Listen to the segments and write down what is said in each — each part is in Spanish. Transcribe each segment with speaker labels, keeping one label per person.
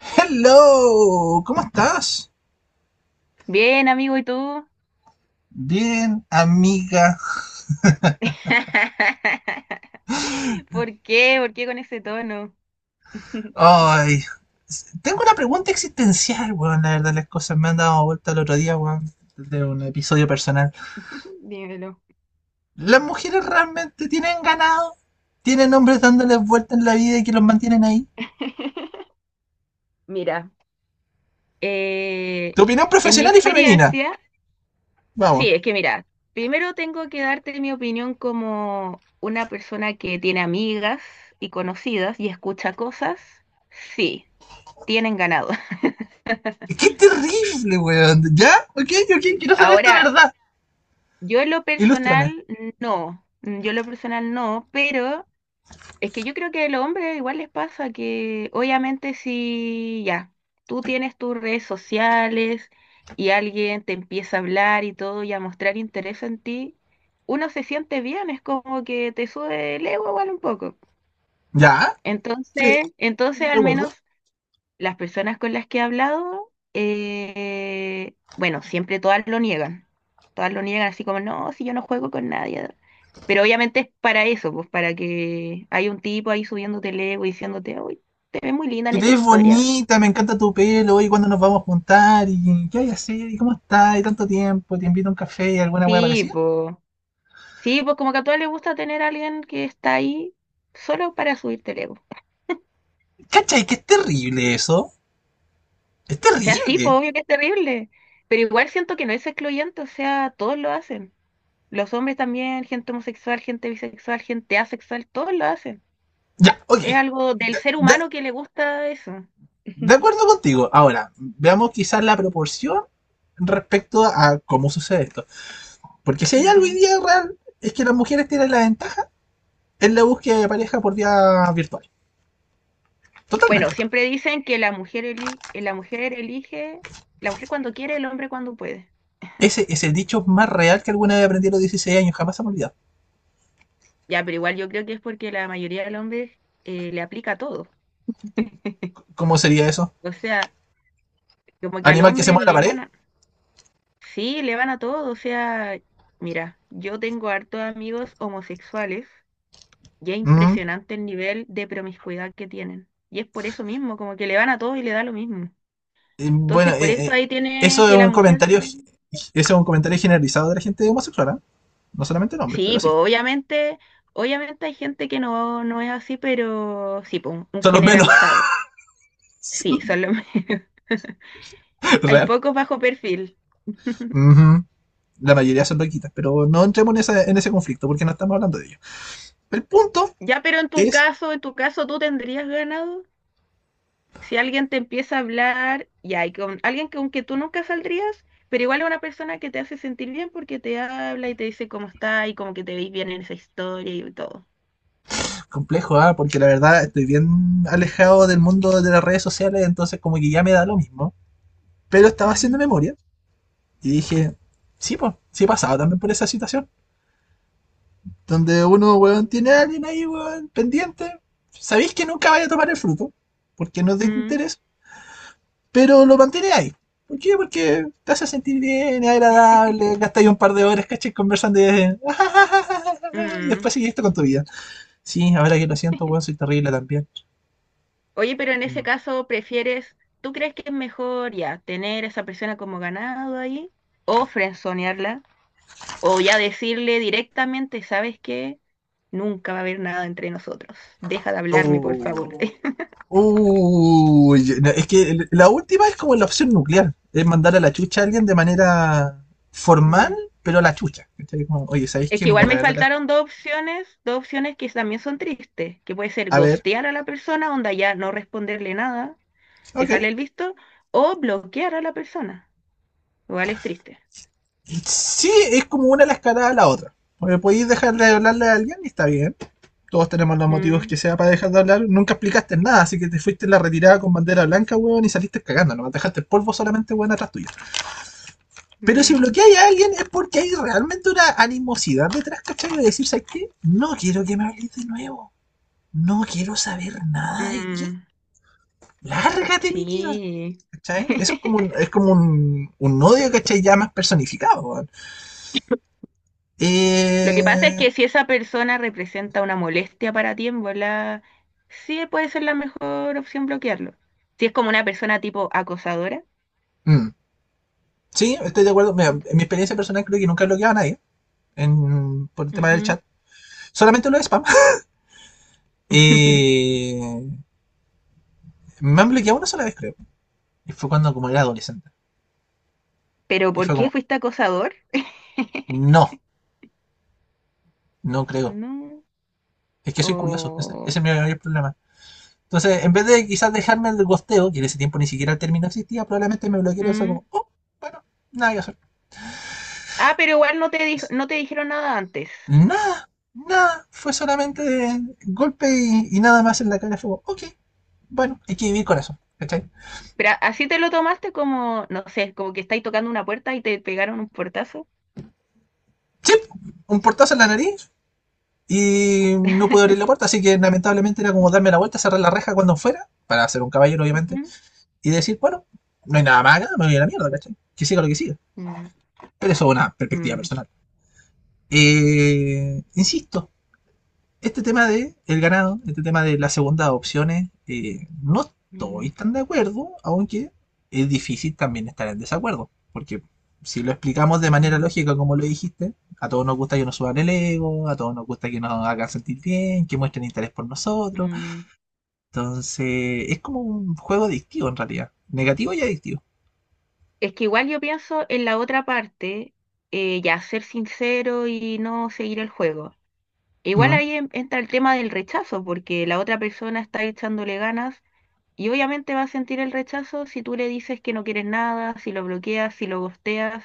Speaker 1: Hello, ¿cómo estás?
Speaker 2: Bien, amigo, ¿y tú?
Speaker 1: Bien, amiga.
Speaker 2: ¿Por qué? ¿Por qué con ese tono?
Speaker 1: Ay, tengo una pregunta existencial, weón. La verdad, las cosas me han dado vuelta el otro día, weón, de un episodio personal.
Speaker 2: Dímelo.
Speaker 1: ¿Las mujeres realmente tienen ganado? ¿Tienen hombres dándoles vuelta en la vida y que los mantienen ahí?
Speaker 2: Mira, eh,
Speaker 1: Tu opinión
Speaker 2: en mi
Speaker 1: profesional y femenina.
Speaker 2: experiencia,
Speaker 1: Vamos.
Speaker 2: sí, es que mira, primero tengo que darte mi opinión como una persona que tiene amigas y conocidas y escucha cosas. Sí, tienen ganado.
Speaker 1: ¡Qué terrible, weón! ¿Ya? Ok, ok,
Speaker 2: Sí.
Speaker 1: quiero saber esta
Speaker 2: Ahora,
Speaker 1: verdad.
Speaker 2: yo en lo
Speaker 1: Ilústrame.
Speaker 2: personal no, yo en lo personal no, pero es que yo creo que a los hombres igual les pasa que obviamente si ya, tú tienes tus redes sociales y alguien te empieza a hablar y todo y a mostrar interés en ti, uno se siente bien, es como que te sube el ego igual un poco.
Speaker 1: ¿Ya? Sí,
Speaker 2: Entonces
Speaker 1: de
Speaker 2: al
Speaker 1: acuerdo.
Speaker 2: menos las personas con las que he hablado, bueno, siempre todas lo niegan. Todas lo niegan así como, no, si yo no juego con nadie. Pero obviamente es para eso, pues para que hay un tipo ahí subiéndote el ego y diciéndote, uy, te ves muy linda en
Speaker 1: Que te
Speaker 2: esa
Speaker 1: ves
Speaker 2: historia.
Speaker 1: bonita, me encanta tu pelo, y cuándo nos vamos a juntar, y qué hay que hacer, y cómo estás, y tanto tiempo, te invito a un café, y alguna wea
Speaker 2: Sí,
Speaker 1: parecida.
Speaker 2: pues, sí, pues como que a todas les gusta tener a alguien que está ahí solo para subirte el ego.
Speaker 1: ¿Cachai? Que es terrible eso. Es
Speaker 2: O sea, sí, pues
Speaker 1: terrible.
Speaker 2: obvio que es terrible, pero igual siento que no es excluyente, o sea, todos lo hacen. Los hombres también, gente homosexual, gente bisexual, gente asexual, todos lo hacen.
Speaker 1: Ya, ok.
Speaker 2: Es algo del
Speaker 1: De,
Speaker 2: ser
Speaker 1: de-
Speaker 2: humano que le gusta eso.
Speaker 1: de acuerdo contigo. Ahora, veamos quizás la proporción respecto a cómo sucede esto. Porque si hay algo hoy
Speaker 2: Ujú.
Speaker 1: día real, es que las mujeres tienen la ventaja en la búsqueda de pareja por vía virtual.
Speaker 2: Bueno,
Speaker 1: Totalmente.
Speaker 2: siempre dicen que la mujer, la mujer elige, la mujer cuando quiere, el hombre cuando puede.
Speaker 1: Ese es el dicho más real que alguna vez aprendí a los 16 años, jamás se me olvidado.
Speaker 2: Ya, pero igual yo creo que es porque la mayoría de los hombres le aplica todo.
Speaker 1: ¿Cómo sería eso?
Speaker 2: O sea, como que al
Speaker 1: Animal que se
Speaker 2: hombre
Speaker 1: mueve a la
Speaker 2: le
Speaker 1: pared.
Speaker 2: van a... Sí, le van a todo. O sea, mira, yo tengo hartos amigos homosexuales y es
Speaker 1: Mm.
Speaker 2: impresionante el nivel de promiscuidad que tienen. Y es por eso mismo, como que le van a todos y le da lo mismo.
Speaker 1: Bueno,
Speaker 2: Entonces, por eso ahí tiene
Speaker 1: eso es
Speaker 2: que la
Speaker 1: un
Speaker 2: mujer...
Speaker 1: comentario, gi- eso es un comentario generalizado de la gente homosexual, ¿ah? No solamente en hombres,
Speaker 2: Sí,
Speaker 1: pero
Speaker 2: pues
Speaker 1: sí,
Speaker 2: obviamente, obviamente hay gente que no, no es así, pero sí, pues un
Speaker 1: son los menos
Speaker 2: generalizado. Sí, son los menos. Hay
Speaker 1: real.
Speaker 2: pocos bajo perfil.
Speaker 1: Ujú. La mayoría son loquitas, pero no entremos en ese conflicto porque no estamos hablando de ello. El punto
Speaker 2: Ya, pero
Speaker 1: es
Speaker 2: en tu caso, ¿tú tendrías ganado? Si alguien te empieza a hablar, ya, y con alguien con que tú nunca saldrías, pero igual es una persona que te hace sentir bien porque te habla y te dice cómo está y como que te veis bien en esa historia y todo.
Speaker 1: complejo, ¿ah? Porque la verdad estoy bien alejado del mundo de las redes sociales, entonces como que ya me da lo mismo. Pero estaba haciendo
Speaker 2: Ujú.
Speaker 1: memoria y dije, sí, pues, sí he pasado también por esa situación. Donde uno, weón, tiene
Speaker 2: Mm.
Speaker 1: a alguien ahí, weón, pendiente. Sabéis que nunca vaya a tomar el fruto, porque no es de
Speaker 2: Mm.
Speaker 1: interés, pero lo mantiene ahí. ¿Por qué? Porque te hace sentir bien, es agradable, gastáis un par de horas, caché, conversando y
Speaker 2: Mm.
Speaker 1: después seguiste con tu vida. Sí, ahora que lo siento, weón, soy terrible también.
Speaker 2: Oye, pero en ese
Speaker 1: Mm.
Speaker 2: caso, ¿prefieres, tú crees que es mejor ya tener a esa persona como ganado ahí o frenzonearla o ya decirle directamente, ¿sabes qué? Nunca va a haber nada entre nosotros. Deja de hablarme, por
Speaker 1: Oh.
Speaker 2: favor.
Speaker 1: No, es que la última es como la opción nuclear, es mandar a la chucha a alguien de manera formal,
Speaker 2: Mm.
Speaker 1: pero a la chucha. Como, oye, ¿sabéis
Speaker 2: Es
Speaker 1: qué?
Speaker 2: que
Speaker 1: Mira,
Speaker 2: igual
Speaker 1: la
Speaker 2: me
Speaker 1: verdad es
Speaker 2: faltaron dos opciones que también son tristes, que puede ser
Speaker 1: a ver,
Speaker 2: ghostear a la persona, onda ya no responderle nada,
Speaker 1: ok.
Speaker 2: dejarle el visto, o bloquear a la persona. Igual es triste.
Speaker 1: Sí, es como una la escalada a la otra. Porque podéis dejar de hablarle a alguien y está bien. Todos tenemos los motivos
Speaker 2: Mm,
Speaker 1: que sea para dejar de hablar. Nunca explicaste nada, así que te fuiste en la retirada con bandera blanca, weón, y saliste cagando. No dejaste el polvo solamente, weón, atrás tuyo. Pero si
Speaker 2: mm,
Speaker 1: bloqueáis a alguien es porque hay realmente una animosidad detrás, ¿cachai? De decir, ¿sabes qué? No quiero que me hables de nuevo. No quiero saber nada de ti.
Speaker 2: mm,
Speaker 1: Lárgate, mi vida.
Speaker 2: sí.
Speaker 1: ¿Cachai? Eso es como un, es como un, un odio, ¿cachai? Ya más personificado, weón.
Speaker 2: Lo que pasa es
Speaker 1: Eh,
Speaker 2: que si esa persona representa una molestia para ti, en volá, sí puede ser la mejor opción bloquearlo. Si es como una persona tipo acosadora.
Speaker 1: mm, sí, estoy de acuerdo. Mira, en
Speaker 2: Ok.
Speaker 1: mi experiencia personal creo que nunca he bloqueado a nadie por el tema del
Speaker 2: Ujú.
Speaker 1: chat. Solamente lo de spam. Eh, me han bloqueado una sola vez, creo. Y fue cuando como era adolescente.
Speaker 2: ¿Pero
Speaker 1: Y
Speaker 2: por
Speaker 1: fue
Speaker 2: qué
Speaker 1: como,
Speaker 2: fuiste acosador?
Speaker 1: no, no creo.
Speaker 2: No.
Speaker 1: Es que soy curioso. Ese es
Speaker 2: Oh,
Speaker 1: mi mayor problema. Entonces, en vez de quizás dejarme el gosteo, que en ese tiempo ni siquiera el término existía, probablemente me bloquearon y fue
Speaker 2: mm.
Speaker 1: como, oh, bueno, nada que hacer.
Speaker 2: Ah, pero igual no te dijeron nada antes.
Speaker 1: Nada, nada, fue solamente golpe y nada más en la cara. Fue como, ok, bueno, hay que vivir con eso, ¿cachai?
Speaker 2: Pero así te lo tomaste como, no sé, como que estáis tocando una puerta y te pegaron un portazo.
Speaker 1: Sí, un portazo en la nariz y no pude abrir la puerta, así que lamentablemente era como darme la vuelta, cerrar la reja cuando fuera, para ser un caballero obviamente,
Speaker 2: Ujú.
Speaker 1: y decir, bueno, no hay nada más acá, me voy a la mierda, ¿cachai? Que siga lo que siga.
Speaker 2: Mm,
Speaker 1: Pero eso es una perspectiva
Speaker 2: mm,
Speaker 1: personal. Insisto, este tema de el ganado, este tema de las segundas opciones, no estoy
Speaker 2: mm,
Speaker 1: tan de acuerdo, aunque es difícil también estar en desacuerdo, porque si lo explicamos de manera
Speaker 2: mm,
Speaker 1: lógica, como lo dijiste, a todos nos gusta que nos suban el ego, a todos nos gusta que nos hagan sentir bien, que muestren interés por nosotros.
Speaker 2: mm.
Speaker 1: Entonces, es como un juego adictivo en realidad, negativo y adictivo.
Speaker 2: Es que igual yo pienso en la otra parte, ya ser sincero y no seguir el juego. Igual
Speaker 1: Mm.
Speaker 2: ahí entra el tema del rechazo, porque la otra persona está echándole ganas y obviamente va a sentir el rechazo si tú le dices que no quieres nada, si lo bloqueas, si lo ghosteas,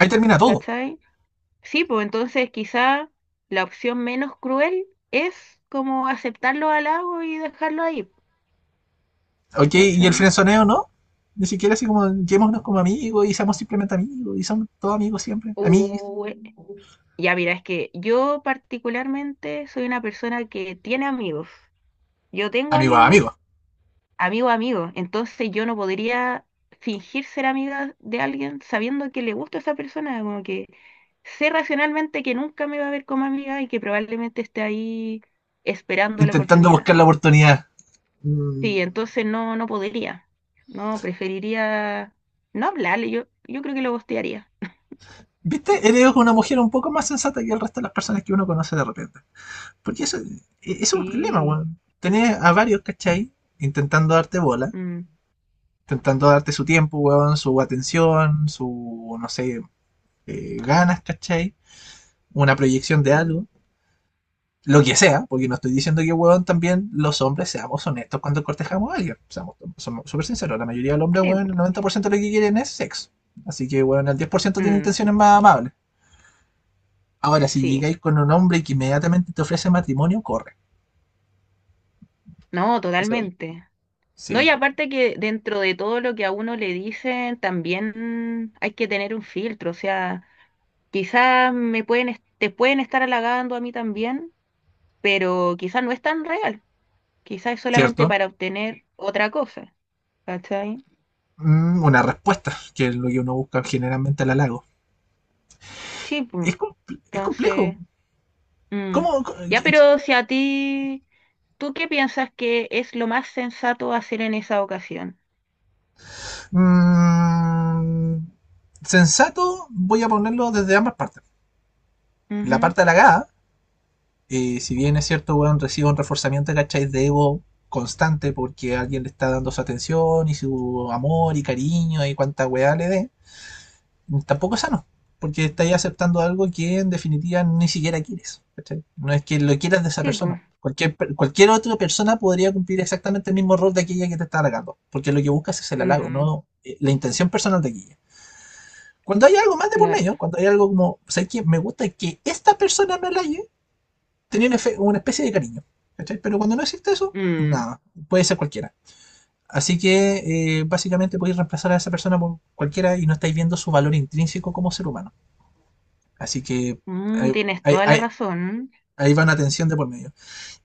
Speaker 1: Ahí termina todo.
Speaker 2: ¿cachai? Sí, pues entonces quizá la opción menos cruel es como aceptar los halagos y dejarlo ahí,
Speaker 1: Ok, y el
Speaker 2: ¿cachai?
Speaker 1: frenzoneo no. Ni siquiera así como, llevémonos como amigos y seamos simplemente amigos y somos todos amigos siempre, amigos.
Speaker 2: Uh, ya mira, es que yo particularmente soy una persona que tiene amigos. Yo tengo
Speaker 1: Amigos a
Speaker 2: amigos
Speaker 1: amigos,
Speaker 2: amigo, a amigo. Entonces yo no podría fingir ser amiga de alguien sabiendo que le gusta a esa persona, como que sé racionalmente que nunca me va a ver como amiga y que probablemente esté ahí esperando la
Speaker 1: intentando
Speaker 2: oportunidad.
Speaker 1: buscar la oportunidad. Mm.
Speaker 2: Sí, entonces no, no podría. No, preferiría no hablarle. Yo creo que lo gostearía.
Speaker 1: ¿Viste? Eres una mujer un poco más sensata que el resto de las personas que uno conoce de repente. Porque eso es un problema,
Speaker 2: Sí.
Speaker 1: weón. Tener a varios, ¿cachai? Intentando darte bola,
Speaker 2: mm,
Speaker 1: intentando darte su tiempo, weón, su atención, su, no sé, ganas, ¿cachai? Una proyección de algo.
Speaker 2: mm,
Speaker 1: Lo que sea, porque no estoy diciendo que, weón, también los hombres seamos honestos cuando cortejamos a alguien. Somos súper sinceros, la mayoría de los hombres,
Speaker 2: Sí. po.
Speaker 1: weón, el 90% de lo que quieren es sexo. Así que, weón, el 10% tiene
Speaker 2: Mm,
Speaker 1: intenciones más amables. Ahora, si
Speaker 2: sí.
Speaker 1: llegáis con un hombre que inmediatamente te ofrece matrimonio, corre.
Speaker 2: No,
Speaker 1: Eso es.
Speaker 2: totalmente. No, y
Speaker 1: Sí,
Speaker 2: aparte que dentro de todo lo que a uno le dicen, también hay que tener un filtro. O sea, quizás me pueden, te pueden estar halagando a mí también, pero quizás no es tan real. Quizás es solamente
Speaker 1: ¿cierto?
Speaker 2: para obtener otra cosa. ¿Cachai?
Speaker 1: Una respuesta, que es lo que uno busca generalmente al halago.
Speaker 2: Sí, pues.
Speaker 1: Es complejo.
Speaker 2: Entonces, mm.
Speaker 1: ¿Cómo?
Speaker 2: Ya, pero si a ti, ¿tú qué piensas que es lo más sensato hacer en esa ocasión?
Speaker 1: Mm, sensato, voy a ponerlo desde ambas partes. La
Speaker 2: Ujú.
Speaker 1: parte halagada, si bien es cierto, weón, recibe un reforzamiento, ¿cachai? De ego constante porque alguien le está dando su atención y su amor y cariño y cuánta weá le dé, tampoco es sano. Porque estáis aceptando algo que en definitiva ni siquiera quieres. ¿Cachai? No es que lo quieras de esa
Speaker 2: Sí,
Speaker 1: persona.
Speaker 2: pues.
Speaker 1: Cualquier otra persona podría cumplir exactamente el mismo rol de aquella que te está halagando. Porque lo que buscas es el halago,
Speaker 2: Mm,
Speaker 1: no, la intención personal de aquella. Cuando hay algo más de por
Speaker 2: claro.
Speaker 1: medio, cuando hay algo como, ¿sabes qué? Me gusta que esta persona me halague, tenía una especie de cariño. ¿Cachai? Pero cuando no existe eso,
Speaker 2: Mm,
Speaker 1: nada, puede ser cualquiera. Así que básicamente podéis reemplazar a esa persona por cualquiera y no estáis viendo su valor intrínseco como ser humano. Así que
Speaker 2: mm,
Speaker 1: ahí,
Speaker 2: tienes
Speaker 1: ahí-
Speaker 2: toda la
Speaker 1: ahí-
Speaker 2: razón.
Speaker 1: ahí va una tensión de por medio.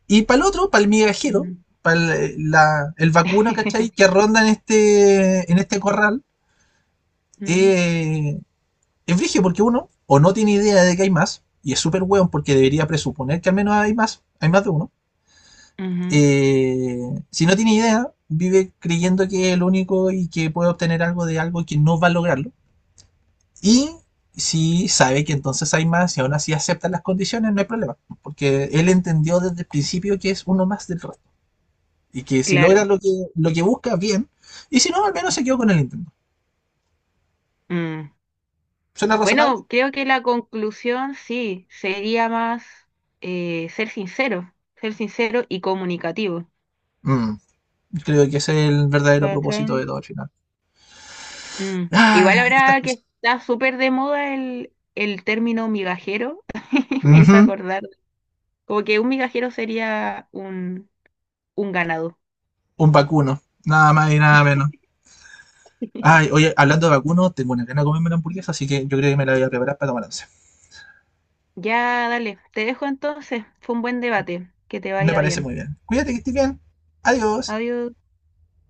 Speaker 1: Y para el otro, para el migajero,
Speaker 2: Mm.
Speaker 1: para el vacuno, ¿cachai? Que ronda en este corral,
Speaker 2: Mm,
Speaker 1: eh, es vigio porque uno o no tiene idea de que hay más, y es súper weón porque debería presuponer que al menos hay más de uno
Speaker 2: ujú,
Speaker 1: eh, si no tiene idea, vive creyendo que es el único y que puede obtener algo de algo que no va a lograrlo. Y si sabe que entonces hay más y aún así acepta las condiciones, no hay problema. Porque él entendió desde el principio que es uno más del resto. Y que si logra
Speaker 2: claro.
Speaker 1: lo que, busca, bien. Y si no, al menos se quedó con el intento.
Speaker 2: Mm.
Speaker 1: ¿Suena razonable?
Speaker 2: Bueno, creo que la conclusión sí sería más ser sincero y comunicativo.
Speaker 1: Mm, Creo que ese es el verdadero
Speaker 2: ¿Cachai?
Speaker 1: propósito de todo al final.
Speaker 2: Mm. Igual
Speaker 1: Ah, estas
Speaker 2: ahora
Speaker 1: cosas.
Speaker 2: que está súper de moda el término migajero, me hizo
Speaker 1: Ujú.
Speaker 2: acordar, como que un migajero sería un ganado.
Speaker 1: Un vacuno. Nada más y nada menos. Ay, oye, hablando de vacuno, tengo una gana de comerme una hamburguesa, así que yo creo que me la voy a preparar para tomar once.
Speaker 2: Ya, dale, te dejo entonces, fue un buen debate, que te
Speaker 1: Me
Speaker 2: vaya
Speaker 1: parece
Speaker 2: bien.
Speaker 1: muy bien. Cuídate que estés bien. Adiós.
Speaker 2: Adiós.